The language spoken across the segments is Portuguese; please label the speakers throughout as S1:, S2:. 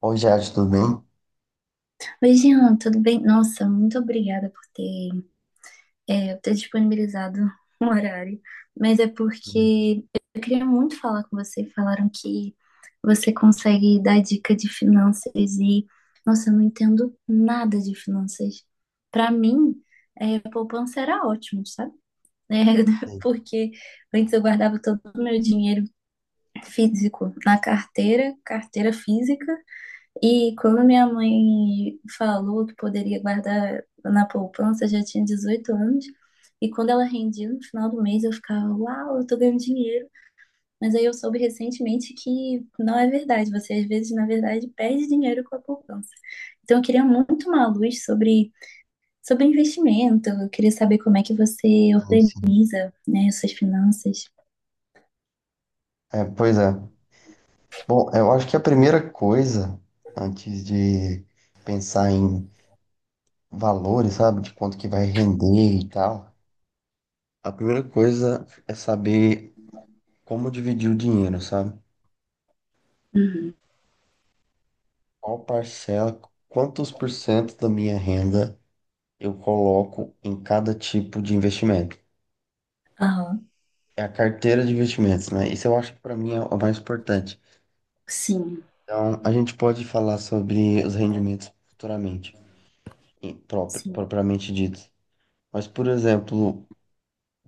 S1: Oi, Jade, tudo bem?
S2: Oi, Jean, tudo bem? Nossa, muito obrigada por ter disponibilizado um horário. Mas é
S1: Sim,
S2: porque eu queria muito falar com você. Falaram que você consegue dar dica de finanças e, nossa, eu não entendo nada de finanças. Para mim, poupança era ótimo, sabe? É,
S1: sim,
S2: porque antes eu guardava todo o meu dinheiro físico na carteira, carteira física. E quando minha mãe falou que poderia guardar na poupança, eu já tinha 18 anos. E quando ela rendia no final do mês, eu ficava, uau, eu tô ganhando dinheiro. Mas aí eu soube recentemente que não é verdade. Você às vezes, na verdade, perde dinheiro com a poupança. Então eu queria muito uma luz sobre investimento. Eu queria saber como é que você
S1: sim, sim.
S2: organiza, né, suas finanças.
S1: É, pois é. Bom, eu acho que a primeira coisa, antes de pensar em valores, sabe, de quanto que vai render e tal, a primeira coisa é saber como dividir o dinheiro, sabe? Qual parcela, quantos por cento da minha renda eu coloco em cada tipo de investimento.
S2: Aham,
S1: É a carteira de investimentos, né? Isso eu acho que para mim é o mais importante.
S2: sim,
S1: Então, a gente pode falar sobre os rendimentos futuramente.
S2: sim.
S1: Propriamente dito. Mas, por exemplo,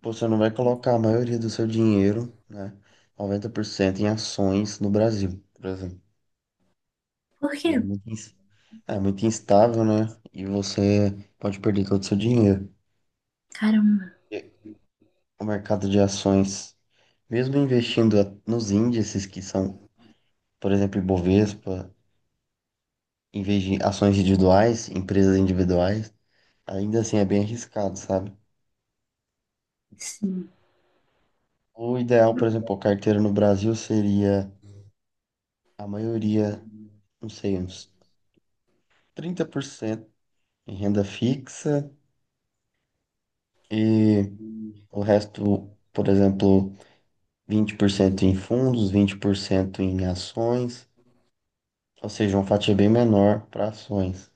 S1: você não vai colocar a maioria do seu dinheiro, né, 90% em ações no Brasil, por exemplo,
S2: Por
S1: que
S2: quê?
S1: é muito, é muito instável, né? E você pode perder todo o seu dinheiro.
S2: Caramba,
S1: E o mercado de ações, mesmo investindo nos índices que são, por exemplo, Ibovespa, em vez de ações individuais, empresas individuais, ainda assim é bem arriscado, sabe?
S2: sim.
S1: O ideal, por exemplo, a carteira no Brasil seria a maioria, não sei, uns 30% em renda fixa e o resto, por exemplo, 20% em fundos, 20% em ações, ou seja, uma fatia bem menor para ações.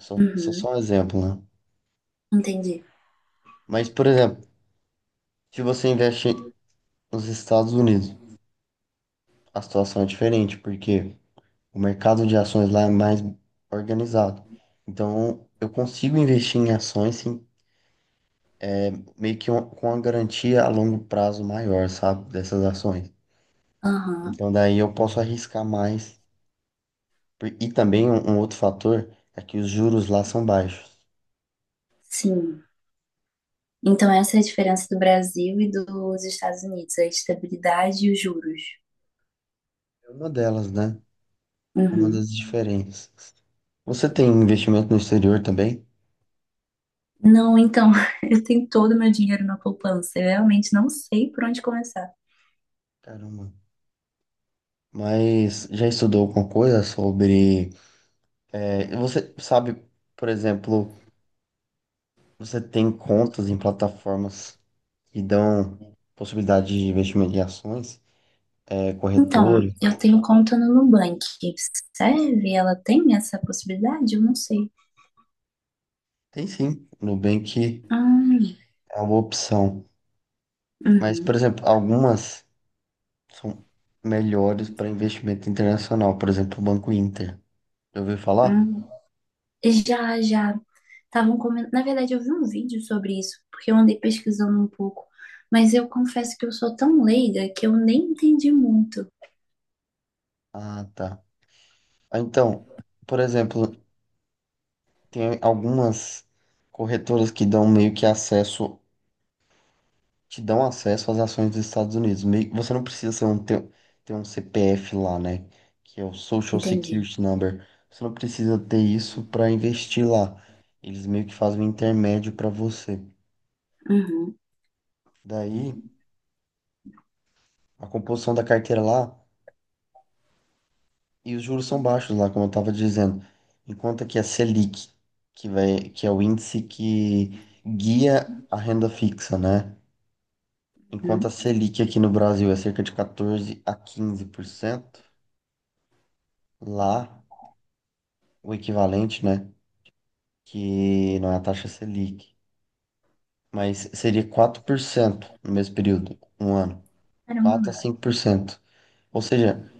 S1: Só
S2: Uhum,
S1: um exemplo, né?
S2: entendi.
S1: Mas, por exemplo, se você investe nos Estados Unidos, a situação é diferente, porque o mercado de ações lá é mais organizado. Então, eu consigo investir em ações sem meio que com uma garantia a longo prazo maior, sabe, dessas ações.
S2: Aham.
S1: Então daí eu posso arriscar mais. E também um outro fator é que os juros lá são baixos.
S2: Sim. Então, essa é a diferença do Brasil e dos Estados Unidos, a estabilidade e os juros.
S1: É uma delas, né? Uma
S2: Uhum.
S1: das diferenças. Você tem investimento no exterior também?
S2: Não, então, eu tenho todo o meu dinheiro na poupança. Eu realmente não sei por onde começar.
S1: Caramba. Mas já estudou alguma coisa sobre? Você sabe, por exemplo, você tem contas em plataformas que dão possibilidade de investimento em ações,
S2: Então,
S1: corretoras?
S2: eu tenho conta no Nubank. Serve? Ela tem essa possibilidade? Eu não sei.
S1: Tem sim, Nubank
S2: Hum,
S1: é uma opção. Mas, por
S2: uhum,
S1: exemplo, algumas são melhores para investimento internacional. Por exemplo, o Banco Inter. Já ouviu falar?
S2: hum. Já, já. Estavam comentando. Na verdade, eu vi um vídeo sobre isso, porque eu andei pesquisando um pouco. Mas eu confesso que eu sou tão leiga que eu nem entendi muito.
S1: Ah, tá. Ah, então, por exemplo, tem algumas corretoras que dão meio que acesso, te dão acesso às ações dos Estados Unidos. Você não precisa ter um CPF lá, né? Que é o Social
S2: Entendi.
S1: Security Number. Você não precisa ter isso para investir lá. Eles meio que fazem um intermédio para você.
S2: Uhum,
S1: Daí, a composição da carteira lá, e os juros são baixos lá, como eu estava dizendo. Enquanto que a Selic, que é o índice que guia a renda fixa, né? Enquanto a
S2: uhum.
S1: Selic aqui no Brasil é cerca de 14 a 15%, lá o equivalente, né? Que não é a taxa Selic, mas seria 4% no mesmo período, um ano. Quatro a
S2: Caramba,
S1: cinco por cento. Ou seja,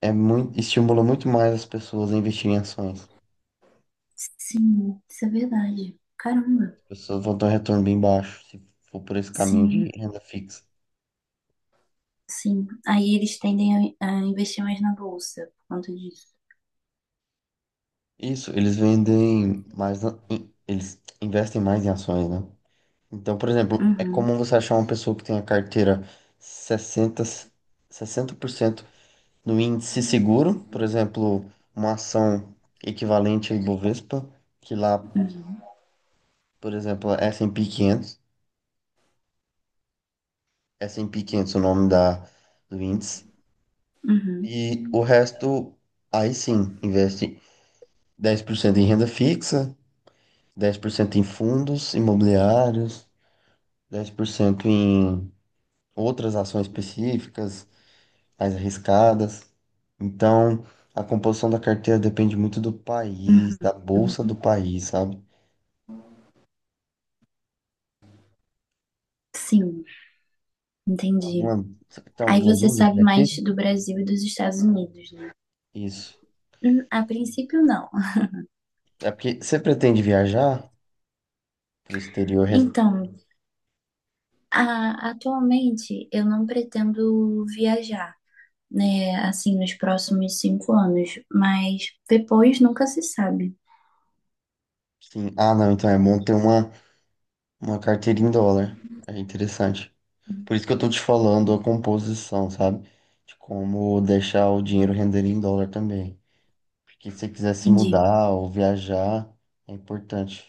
S1: estimula muito mais as pessoas a investirem em ações.
S2: sim, isso é verdade. Caramba,
S1: As pessoas vão ter um retorno bem baixo se for por esse caminho
S2: sim,
S1: de renda fixa.
S2: sim. Aí eles tendem a investir mais na bolsa por conta disso.
S1: Isso, eles vendem mais, eles investem mais em ações, né? Então, por exemplo, é
S2: Uhum,
S1: comum você achar uma pessoa que tem a carteira sessenta sessenta por cento no índice seguro, por exemplo, uma ação equivalente ao Ibovespa, que lá, por exemplo, é S&P 500, S&P 500 é o nome do índice,
S2: uhum,
S1: e o resto, aí sim, investe 10% em renda fixa, 10% em fundos imobiliários, 10% em outras ações específicas, mais arriscadas. Então, a composição da carteira depende muito do país,
S2: uhum.
S1: da bolsa do país, sabe?
S2: Sim, entendi.
S1: Você tem
S2: Aí
S1: alguma
S2: você
S1: dúvida
S2: sabe
S1: até aqui?
S2: mais do Brasil e dos Estados Unidos, né?
S1: Isso.
S2: A princípio, não.
S1: É porque você pretende viajar para o exterior?
S2: Então, atualmente eu não pretendo viajar, né? Assim, nos próximos 5 anos, mas depois nunca se sabe.
S1: Sim. Ah, não, então é bom ter uma carteira em dólar. É interessante. Por isso que eu tô te falando a composição, sabe? De como deixar o dinheiro render em dólar também. Porque se você quiser se
S2: Entendi.
S1: mudar ou viajar, é importante.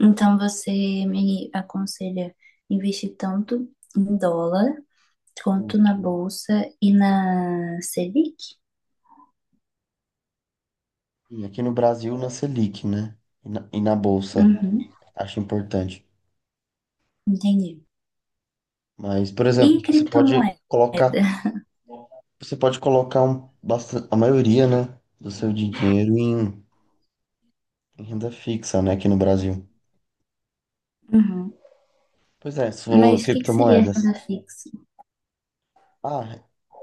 S2: Então você me aconselha investir tanto em dólar quanto
S1: Isso.
S2: na bolsa e na Selic?
S1: E aqui no Brasil, na Selic, né? E na Bolsa,
S2: Uhum,
S1: acho importante.
S2: entendi.
S1: Mas, por
S2: E
S1: exemplo, você pode
S2: criptomoeda?
S1: colocar, você pode colocar bastante, a maioria, né, do seu dinheiro em renda fixa, né, aqui no Brasil.
S2: Uhum.
S1: Pois é, você falou
S2: Mas o que que seria
S1: criptomoedas.
S2: renda fixa?
S1: Ah,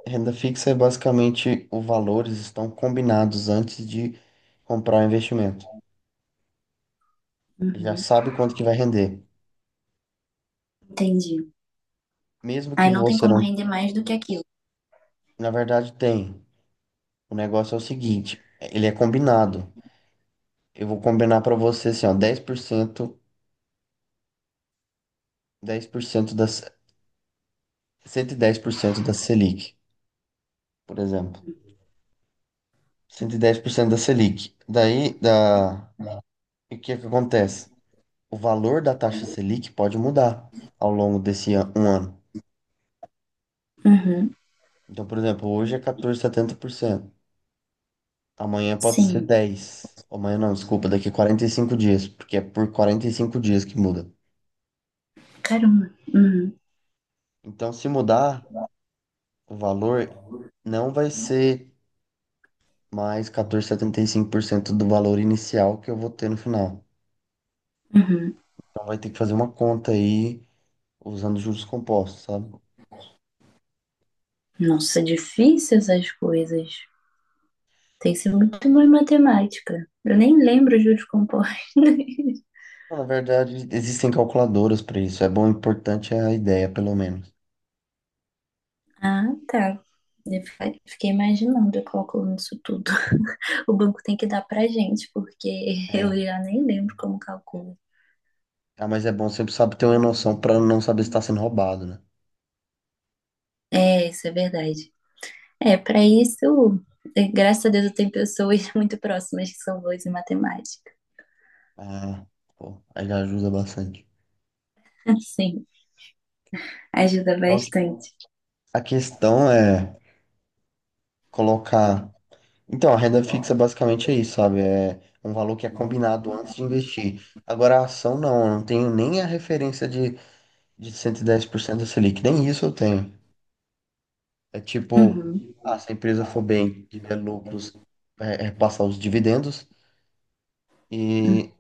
S1: renda fixa é basicamente os valores estão combinados antes de comprar o investimento. Já
S2: Uhum,
S1: sabe quanto que vai render.
S2: entendi.
S1: Mesmo que
S2: Aí não tem
S1: você
S2: como
S1: não.
S2: render mais do que aquilo.
S1: Na verdade, tem. O negócio é o seguinte, ele é combinado. Eu vou combinar para você assim, ó, 10%, 10% 110% da Selic, por exemplo. 110% da Selic. E o que é que acontece? O valor da taxa Selic pode mudar ao longo desse um ano.
S2: Uhum,
S1: Então, por exemplo, hoje é 14,70%. Amanhã pode ser
S2: sim.
S1: 10. Amanhã não, desculpa, daqui 45 dias, porque é por 45 dias que muda.
S2: Caramba. Uhum,
S1: Então, se mudar, o valor não vai ser mais 14,75% do valor inicial que eu vou ter no final.
S2: uhum.
S1: Então vai ter que fazer uma conta aí usando juros compostos, sabe?
S2: Nossa, difícil essas coisas. Tem que ser muito boa em matemática. Eu nem lembro juros compostos.
S1: Bom, na verdade, existem calculadoras para isso. Importante é a ideia, pelo menos.
S2: Ah, tá. Fiquei imaginando eu calculando isso tudo. O banco tem que dar pra gente, porque eu
S1: É.
S2: já nem lembro como calculo.
S1: Ah, mas é bom sempre sabe ter uma noção para não saber se está sendo roubado, né?
S2: É, isso é verdade. É, pra isso, graças a Deus eu tenho pessoas muito próximas que são boas em matemática.
S1: Ah, pô, aí já ajuda bastante.
S2: Sim, ajuda
S1: Então,
S2: bastante.
S1: a questão é colocar. Então, a renda fixa basicamente é isso, sabe? É um valor que é combinado antes de investir. Agora, a ação não, eu não tenho nem a referência de, 110% da Selic, nem isso eu tenho. É tipo,
S2: Uhum.
S1: ah, se a empresa for bem, tiver lucros, é passar os dividendos, e,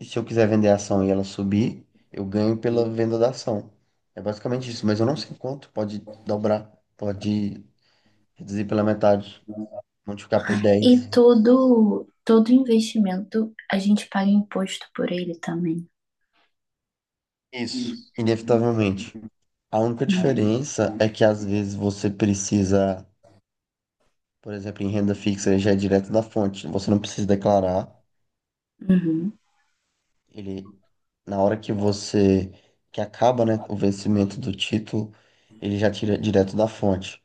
S1: e se eu quiser vender a ação e ela subir, eu ganho pela venda da ação. É basicamente isso, mas eu não sei quanto, pode dobrar, pode reduzir pela metade, multiplicar por
S2: E
S1: dez.
S2: todo investimento, a gente paga imposto por ele também. Uhum.
S1: Isso, inevitavelmente. A única diferença é que às vezes você precisa, por exemplo, em renda fixa ele já é direto da fonte, você não precisa declarar. Ele, na hora que você, que acaba, né, o vencimento do título, ele já tira direto da fonte.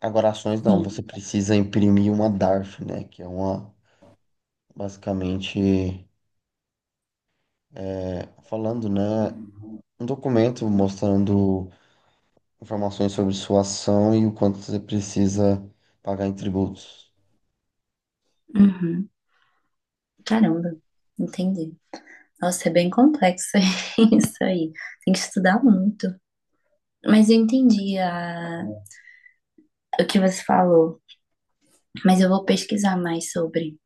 S1: Agora, ações não, você
S2: Sim.
S1: precisa imprimir uma DARF, né, que é uma, basicamente, falando, né, um documento mostrando informações sobre sua ação e o quanto você precisa pagar em tributos.
S2: Uhum. Caramba, entendi. Nossa, é bem complexo isso aí. Tem que estudar muito. Mas eu entendi a- o que você falou. Mas eu vou pesquisar mais sobre.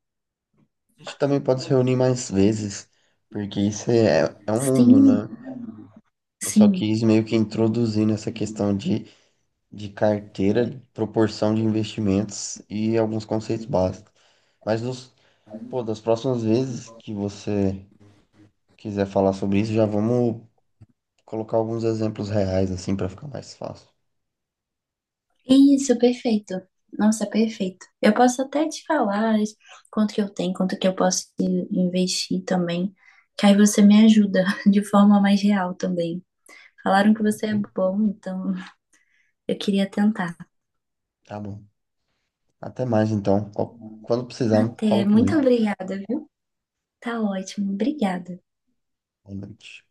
S1: A gente também pode se reunir mais vezes, porque isso é um mundo,
S2: Sim,
S1: né? Eu só
S2: sim.
S1: quis meio que introduzir nessa questão de, carteira, de proporção de investimentos e alguns conceitos básicos. Mas pô, das próximas vezes que você quiser falar sobre isso, já vamos colocar alguns exemplos reais, assim, para ficar mais fácil.
S2: Isso, perfeito. Nossa, perfeito. Eu posso até te falar quanto que eu tenho, quanto que eu posso investir também. Que aí você me ajuda de forma mais real também. Falaram que você é
S1: Enfim,
S2: bom, então eu queria tentar.
S1: tá bom. Até mais, então. Quando precisar,
S2: Até.
S1: fala
S2: Muito
S1: comigo.
S2: obrigada, viu? Tá ótimo. Obrigada.
S1: Boa noite.